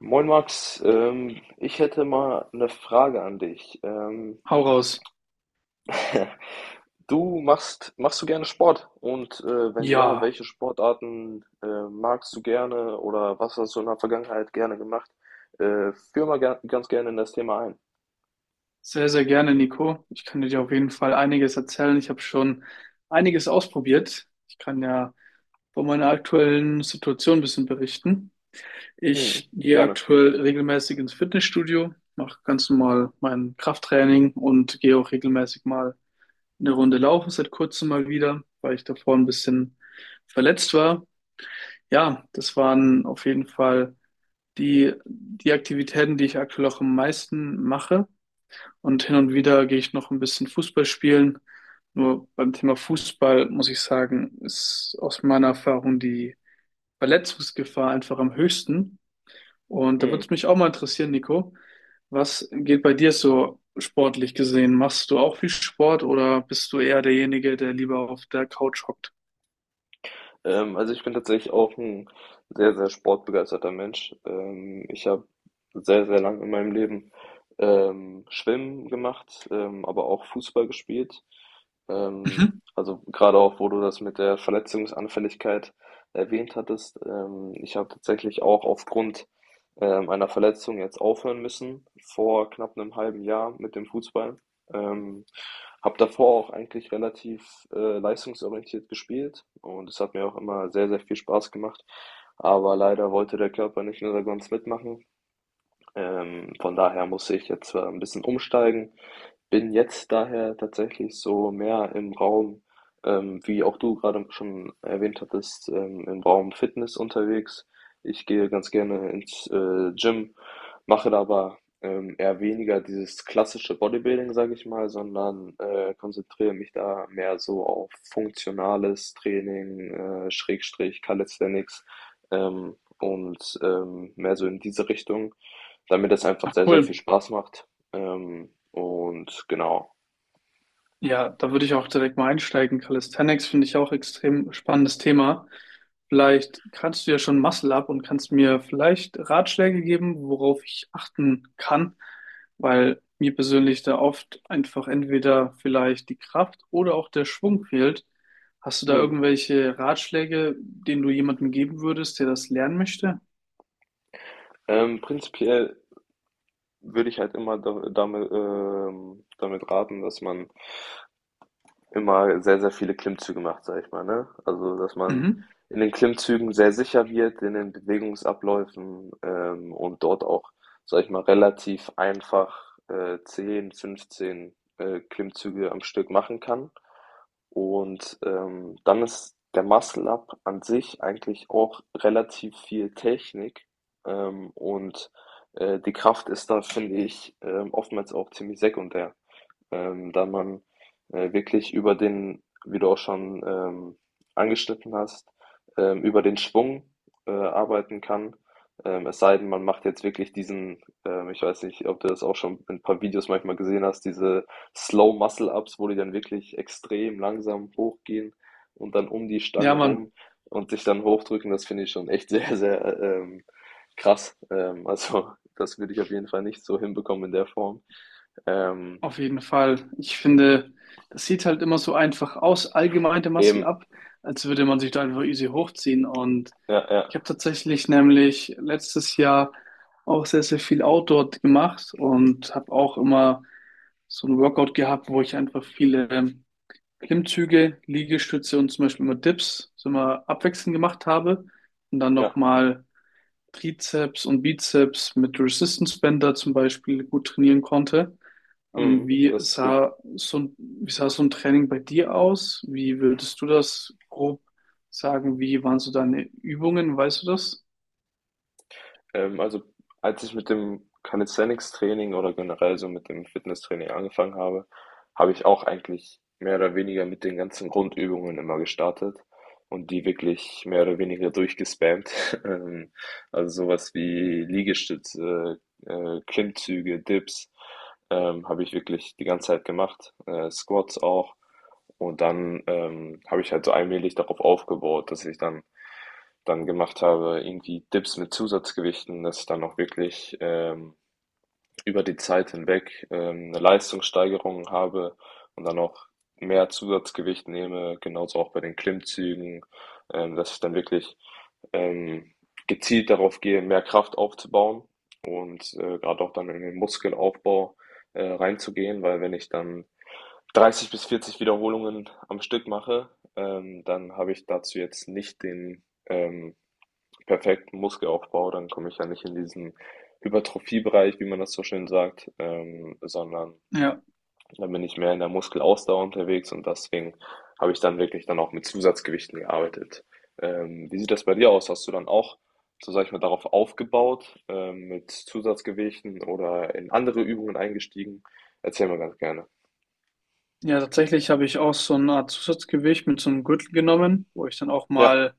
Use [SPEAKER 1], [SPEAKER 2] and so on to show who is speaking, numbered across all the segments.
[SPEAKER 1] Moin Max, ich hätte mal eine Frage an dich.
[SPEAKER 2] Hau raus.
[SPEAKER 1] Machst du gerne Sport? Und wenn ja,
[SPEAKER 2] Ja,
[SPEAKER 1] welche Sportarten magst du gerne oder was hast du in der Vergangenheit gerne gemacht? Führ mal ger ganz gerne in das Thema ein.
[SPEAKER 2] sehr, sehr gerne, Nico. Ich kann dir auf jeden Fall einiges erzählen. Ich habe schon einiges ausprobiert. Ich kann ja von meiner aktuellen Situation ein bisschen berichten.
[SPEAKER 1] Hm,
[SPEAKER 2] Ich gehe
[SPEAKER 1] gerne.
[SPEAKER 2] aktuell regelmäßig ins Fitnessstudio, mache ganz normal mein Krafttraining und gehe auch regelmäßig mal eine Runde laufen, seit kurzem mal wieder, weil ich davor ein bisschen verletzt war. Ja, das waren auf jeden Fall die, die Aktivitäten, die ich aktuell auch am meisten mache. Und hin und wieder gehe ich noch ein bisschen Fußball spielen. Nur beim Thema Fußball muss ich sagen, ist aus meiner Erfahrung die Verletzungsgefahr einfach am höchsten. Und da würde es mich auch mal interessieren, Nico, was geht bei dir so sportlich gesehen? Machst du auch viel Sport oder bist du eher derjenige, der lieber auf der Couch hockt?
[SPEAKER 1] Also ich bin tatsächlich auch ein sehr, sehr sportbegeisterter Mensch. Ich habe sehr, sehr lang in meinem Leben Schwimmen gemacht, aber auch Fußball gespielt. Ähm,
[SPEAKER 2] Mhm.
[SPEAKER 1] also gerade auch, wo du das mit der Verletzungsanfälligkeit erwähnt hattest. Ich habe tatsächlich auch aufgrund einer Verletzung jetzt aufhören müssen, vor knapp einem halben Jahr mit dem Fußball. Ähm, Habe davor auch eigentlich relativ leistungsorientiert gespielt und es hat mir auch immer sehr, sehr viel Spaß gemacht. Aber leider wollte der Körper nicht in der Konstanz mitmachen, von daher muss ich jetzt ein bisschen umsteigen. Bin jetzt daher tatsächlich so mehr im Raum, wie auch du gerade schon erwähnt hattest, im Raum Fitness unterwegs. Ich gehe ganz gerne ins Gym, mache da aber eher weniger dieses klassische Bodybuilding, sage ich mal, sondern konzentriere mich da mehr so auf funktionales Training, Schrägstrich Calisthenics mehr so in diese Richtung, weil mir das einfach
[SPEAKER 2] Ach
[SPEAKER 1] sehr, sehr viel
[SPEAKER 2] cool.
[SPEAKER 1] Spaß macht. Und genau.
[SPEAKER 2] Ja, da würde ich auch direkt mal einsteigen. Calisthenics finde ich auch extrem spannendes Thema. Vielleicht kannst du ja schon Muscle Up und kannst mir vielleicht Ratschläge geben, worauf ich achten kann, weil mir persönlich da oft einfach entweder vielleicht die Kraft oder auch der Schwung fehlt. Hast du da
[SPEAKER 1] Mhm.
[SPEAKER 2] irgendwelche Ratschläge, denen du jemandem geben würdest, der das lernen möchte?
[SPEAKER 1] Prinzipiell würde ich halt immer damit raten, dass man immer sehr, sehr viele Klimmzüge macht, sag ich mal, ne? Also, dass man
[SPEAKER 2] Mhm.
[SPEAKER 1] in den Klimmzügen sehr sicher wird, in den Bewegungsabläufen, und dort auch, sag ich mal, relativ einfach 10, 15 Klimmzüge am Stück machen kann. Und dann ist der Muscle Up an sich eigentlich auch relativ viel Technik ähm, und die Kraft ist da, finde ich, oftmals auch ziemlich sekundär, da man wirklich über den, wie du auch schon angeschnitten hast, über den Schwung arbeiten kann. Es sei denn, man macht jetzt wirklich diesen, ich weiß nicht, ob du das auch schon in ein paar Videos manchmal gesehen hast, diese Slow Muscle Ups, wo die dann wirklich extrem langsam hochgehen und dann um die Stange
[SPEAKER 2] Ja, Mann.
[SPEAKER 1] rum und sich dann hochdrücken. Das finde ich schon echt sehr, sehr krass. Also das würde ich auf jeden Fall nicht so hinbekommen in der Form. Ähm,
[SPEAKER 2] Auf jeden Fall. Ich finde, das sieht halt immer so einfach aus, allgemein der Muscle
[SPEAKER 1] eben,
[SPEAKER 2] Up, als würde man sich da einfach easy hochziehen. Und
[SPEAKER 1] ja, ja,
[SPEAKER 2] ich habe tatsächlich nämlich letztes Jahr auch sehr, sehr viel Outdoor gemacht und habe auch immer so ein Workout gehabt, wo ich einfach viele Klimmzüge, Liegestütze und zum Beispiel immer Dips so immer abwechselnd gemacht habe. Und dann
[SPEAKER 1] ja.
[SPEAKER 2] nochmal Trizeps und Bizeps mit Resistance Bänder zum Beispiel gut trainieren konnte.
[SPEAKER 1] Mhm,
[SPEAKER 2] Wie
[SPEAKER 1] das ist gut.
[SPEAKER 2] sah so ein Training bei dir aus? Wie würdest du das grob sagen? Wie waren so deine Übungen? Weißt du das?
[SPEAKER 1] Also als ich mit dem Calisthenics-Training oder generell so mit dem Fitnesstraining angefangen habe, habe ich auch eigentlich mehr oder weniger mit den ganzen Grundübungen immer gestartet und die wirklich mehr oder weniger durchgespammt. Ähm, also sowas wie Liegestütze, Klimmzüge, Dips, habe ich wirklich die ganze Zeit gemacht. Squats auch. Und dann, habe ich halt so allmählich darauf aufgebaut, dass ich dann gemacht habe, irgendwie Dips mit Zusatzgewichten, dass ich dann auch wirklich über die Zeit hinweg eine Leistungssteigerung habe und dann auch mehr Zusatzgewicht nehme, genauso auch bei den Klimmzügen, dass ich dann wirklich ähm, gezielt darauf gehe, mehr Kraft aufzubauen und gerade auch dann in den Muskelaufbau reinzugehen, weil wenn ich dann 30 bis 40 Wiederholungen am Stück mache, dann habe ich dazu jetzt nicht den perfekten Muskelaufbau, dann komme ich ja nicht in diesen Hypertrophie-Bereich, wie man das so schön sagt, sondern
[SPEAKER 2] Ja,
[SPEAKER 1] dann bin ich mehr in der Muskelausdauer unterwegs und deswegen habe ich dann wirklich dann auch mit Zusatzgewichten gearbeitet. Wie sieht das bei dir aus? Hast du dann auch, so sag ich mal, darauf aufgebaut, mit Zusatzgewichten oder in andere Übungen eingestiegen? Erzähl mal ganz gerne.
[SPEAKER 2] ja, tatsächlich habe ich auch so eine Art Zusatzgewicht mit so einem Gürtel genommen, wo ich dann auch
[SPEAKER 1] Ja,
[SPEAKER 2] mal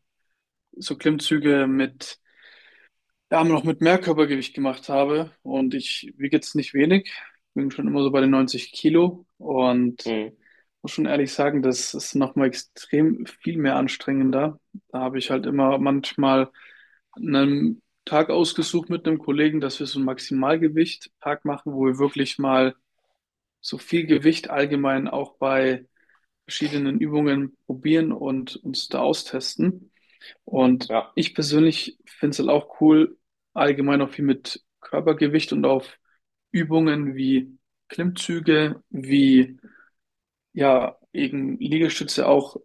[SPEAKER 2] so Klimmzüge mit, ja, noch mit mehr Körpergewicht gemacht habe. Und ich wiege jetzt nicht wenig, bin schon immer so bei den 90 Kilo und
[SPEAKER 1] mhm.
[SPEAKER 2] muss schon ehrlich sagen, das ist nochmal extrem viel mehr anstrengender. Da habe ich halt immer manchmal einen Tag ausgesucht mit einem Kollegen, dass wir so einen Maximalgewicht-Tag machen, wo wir wirklich mal so viel Gewicht allgemein auch bei verschiedenen Übungen probieren und uns da austesten. Und
[SPEAKER 1] Ja.
[SPEAKER 2] ich persönlich finde es halt auch cool, allgemein auch viel mit Körpergewicht und auf Übungen wie Klimmzüge, wie ja, eben Liegestütze auch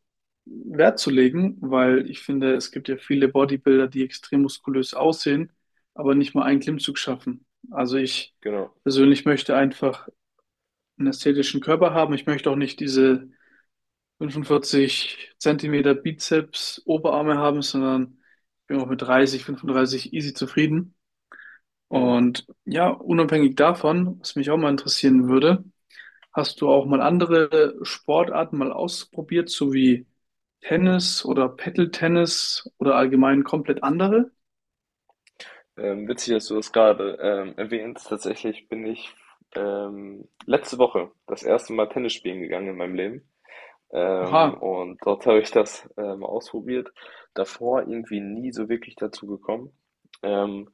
[SPEAKER 2] Wert zu legen, weil ich finde, es gibt ja viele Bodybuilder, die extrem muskulös aussehen, aber nicht mal einen Klimmzug schaffen. Also ich
[SPEAKER 1] Genau.
[SPEAKER 2] persönlich möchte einfach einen ästhetischen Körper haben. Ich möchte auch nicht diese 45 Zentimeter Bizeps, Oberarme haben, sondern ich bin auch mit 30, 35 easy zufrieden.
[SPEAKER 1] Mhm.
[SPEAKER 2] Und ja, unabhängig davon, was mich auch mal interessieren würde, hast du auch mal andere Sportarten mal ausprobiert, so wie Tennis oder Paddle-Tennis oder allgemein komplett andere?
[SPEAKER 1] Witzig, dass du das gerade erwähnst. Tatsächlich bin ich letzte Woche das erste Mal Tennis spielen gegangen in meinem Leben.
[SPEAKER 2] Oha.
[SPEAKER 1] Und dort habe ich das ausprobiert. Davor irgendwie nie so wirklich dazu gekommen. Ähm,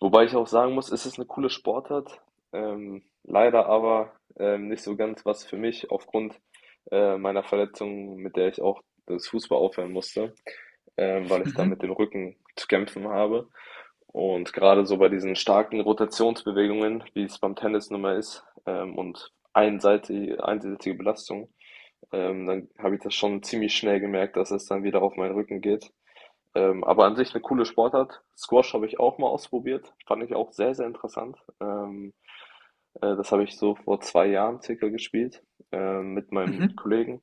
[SPEAKER 1] Wobei ich auch sagen muss, es ist eine coole Sportart. Leider aber nicht so ganz was für mich aufgrund meiner Verletzung, mit der ich auch das Fußball aufhören musste, weil ich da mit
[SPEAKER 2] Mhm.
[SPEAKER 1] dem Rücken zu kämpfen habe. Und gerade so bei diesen starken Rotationsbewegungen, wie es beim Tennis nun mal ist, einseitige Belastung, dann habe ich das schon ziemlich schnell gemerkt, dass es dann wieder auf meinen Rücken geht. Aber an sich eine coole Sportart. Squash habe ich auch mal ausprobiert, fand ich auch sehr, sehr interessant. Das habe ich so vor zwei Jahren circa gespielt, mit meinem
[SPEAKER 2] Mhm.
[SPEAKER 1] Kollegen.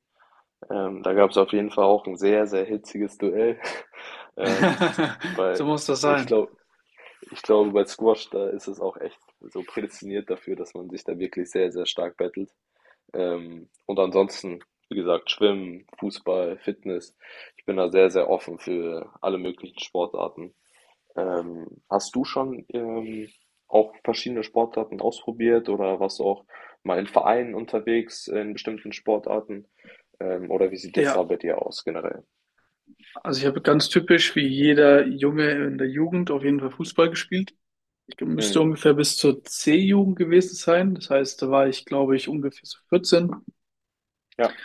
[SPEAKER 1] Da gab es auf jeden Fall auch ein sehr, sehr hitziges Duell, ähm, weil
[SPEAKER 2] So muss das
[SPEAKER 1] ich
[SPEAKER 2] sein.
[SPEAKER 1] glaube ich glaube, bei Squash, da ist es auch echt so prädestiniert dafür, dass man sich da wirklich sehr, sehr stark battelt. Und ansonsten, wie gesagt, Schwimmen, Fußball, Fitness. Ich bin da sehr, sehr offen für alle möglichen Sportarten. Hast du schon, auch verschiedene Sportarten ausprobiert oder warst du auch mal in Vereinen unterwegs in bestimmten Sportarten? Oder wie sieht das da
[SPEAKER 2] Ja,
[SPEAKER 1] bei dir aus generell?
[SPEAKER 2] also ich habe ganz typisch wie jeder Junge in der Jugend auf jeden Fall Fußball gespielt. Ich müsste
[SPEAKER 1] Mhm.
[SPEAKER 2] ungefähr bis zur C-Jugend gewesen sein. Das heißt, da war ich, glaube ich, ungefähr so 14.
[SPEAKER 1] Ja,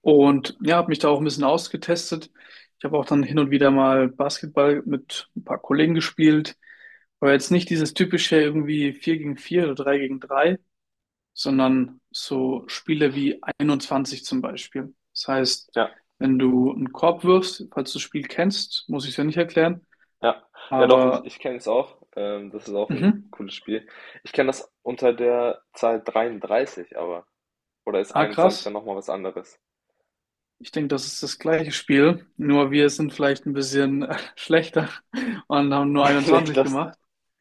[SPEAKER 2] Und ja, habe mich da auch ein bisschen ausgetestet. Ich habe auch dann hin und wieder mal Basketball mit ein paar Kollegen gespielt. Aber jetzt nicht dieses typische irgendwie 4 gegen 4 oder 3 gegen drei, sondern so Spiele wie 21 zum Beispiel. Das heißt,
[SPEAKER 1] ja,
[SPEAKER 2] wenn du einen Korb wirfst, falls du das Spiel kennst, muss ich es ja nicht erklären.
[SPEAKER 1] ja. Ja, doch,
[SPEAKER 2] Aber,
[SPEAKER 1] ich kenne es auch. Das ist auch ein
[SPEAKER 2] mhm,
[SPEAKER 1] cooles Spiel. Ich kenne das unter der Zahl 33, aber. Oder ist
[SPEAKER 2] ah,
[SPEAKER 1] 21 dann
[SPEAKER 2] krass.
[SPEAKER 1] nochmal was anderes?
[SPEAKER 2] Ich denke, das ist das gleiche Spiel, nur wir sind vielleicht ein bisschen schlechter und haben nur
[SPEAKER 1] Nee,
[SPEAKER 2] 21 gemacht.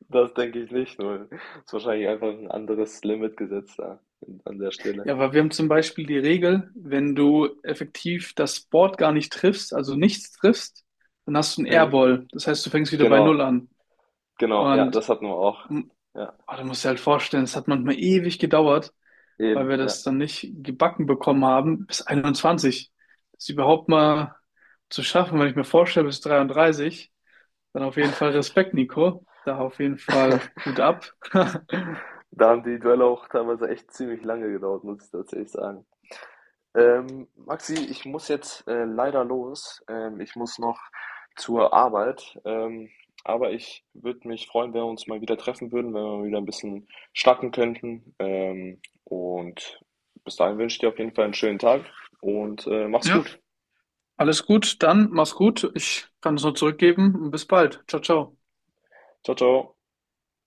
[SPEAKER 1] das denke ich nicht. Nur ist wahrscheinlich einfach ein anderes Limit gesetzt da an der Stelle.
[SPEAKER 2] Ja, weil wir haben zum Beispiel die Regel, wenn du effektiv das Board gar nicht triffst, also nichts triffst, dann hast du einen
[SPEAKER 1] Mhm.
[SPEAKER 2] Airball. Das heißt, du fängst wieder bei Null
[SPEAKER 1] Genau,
[SPEAKER 2] an.
[SPEAKER 1] genau. Ja,
[SPEAKER 2] Und
[SPEAKER 1] das hatten wir auch.
[SPEAKER 2] mm,
[SPEAKER 1] Ja,
[SPEAKER 2] ah, du musst dir halt vorstellen, es hat manchmal ewig gedauert, weil
[SPEAKER 1] eben.
[SPEAKER 2] wir
[SPEAKER 1] Ja.
[SPEAKER 2] das dann nicht gebacken bekommen haben, bis 21. Das überhaupt mal zu schaffen, wenn ich mir vorstelle, bis 33, dann auf jeden Fall Respekt, Nico. Da auf jeden Fall Hut ab.
[SPEAKER 1] Da haben die Duelle auch teilweise echt ziemlich lange gedauert, muss ich tatsächlich sagen. Maxi, ich muss jetzt leider los. Ich muss noch zur Arbeit. Aber ich würde mich freuen, wenn wir uns mal wieder treffen würden, wenn wir wieder ein bisschen schnacken könnten. Und bis dahin wünsche ich dir auf jeden Fall einen schönen Tag und mach's
[SPEAKER 2] Ja,
[SPEAKER 1] gut.
[SPEAKER 2] alles gut, dann mach's gut. Ich kann es nur zurückgeben und bis bald. Ciao, ciao.
[SPEAKER 1] Ciao, ciao.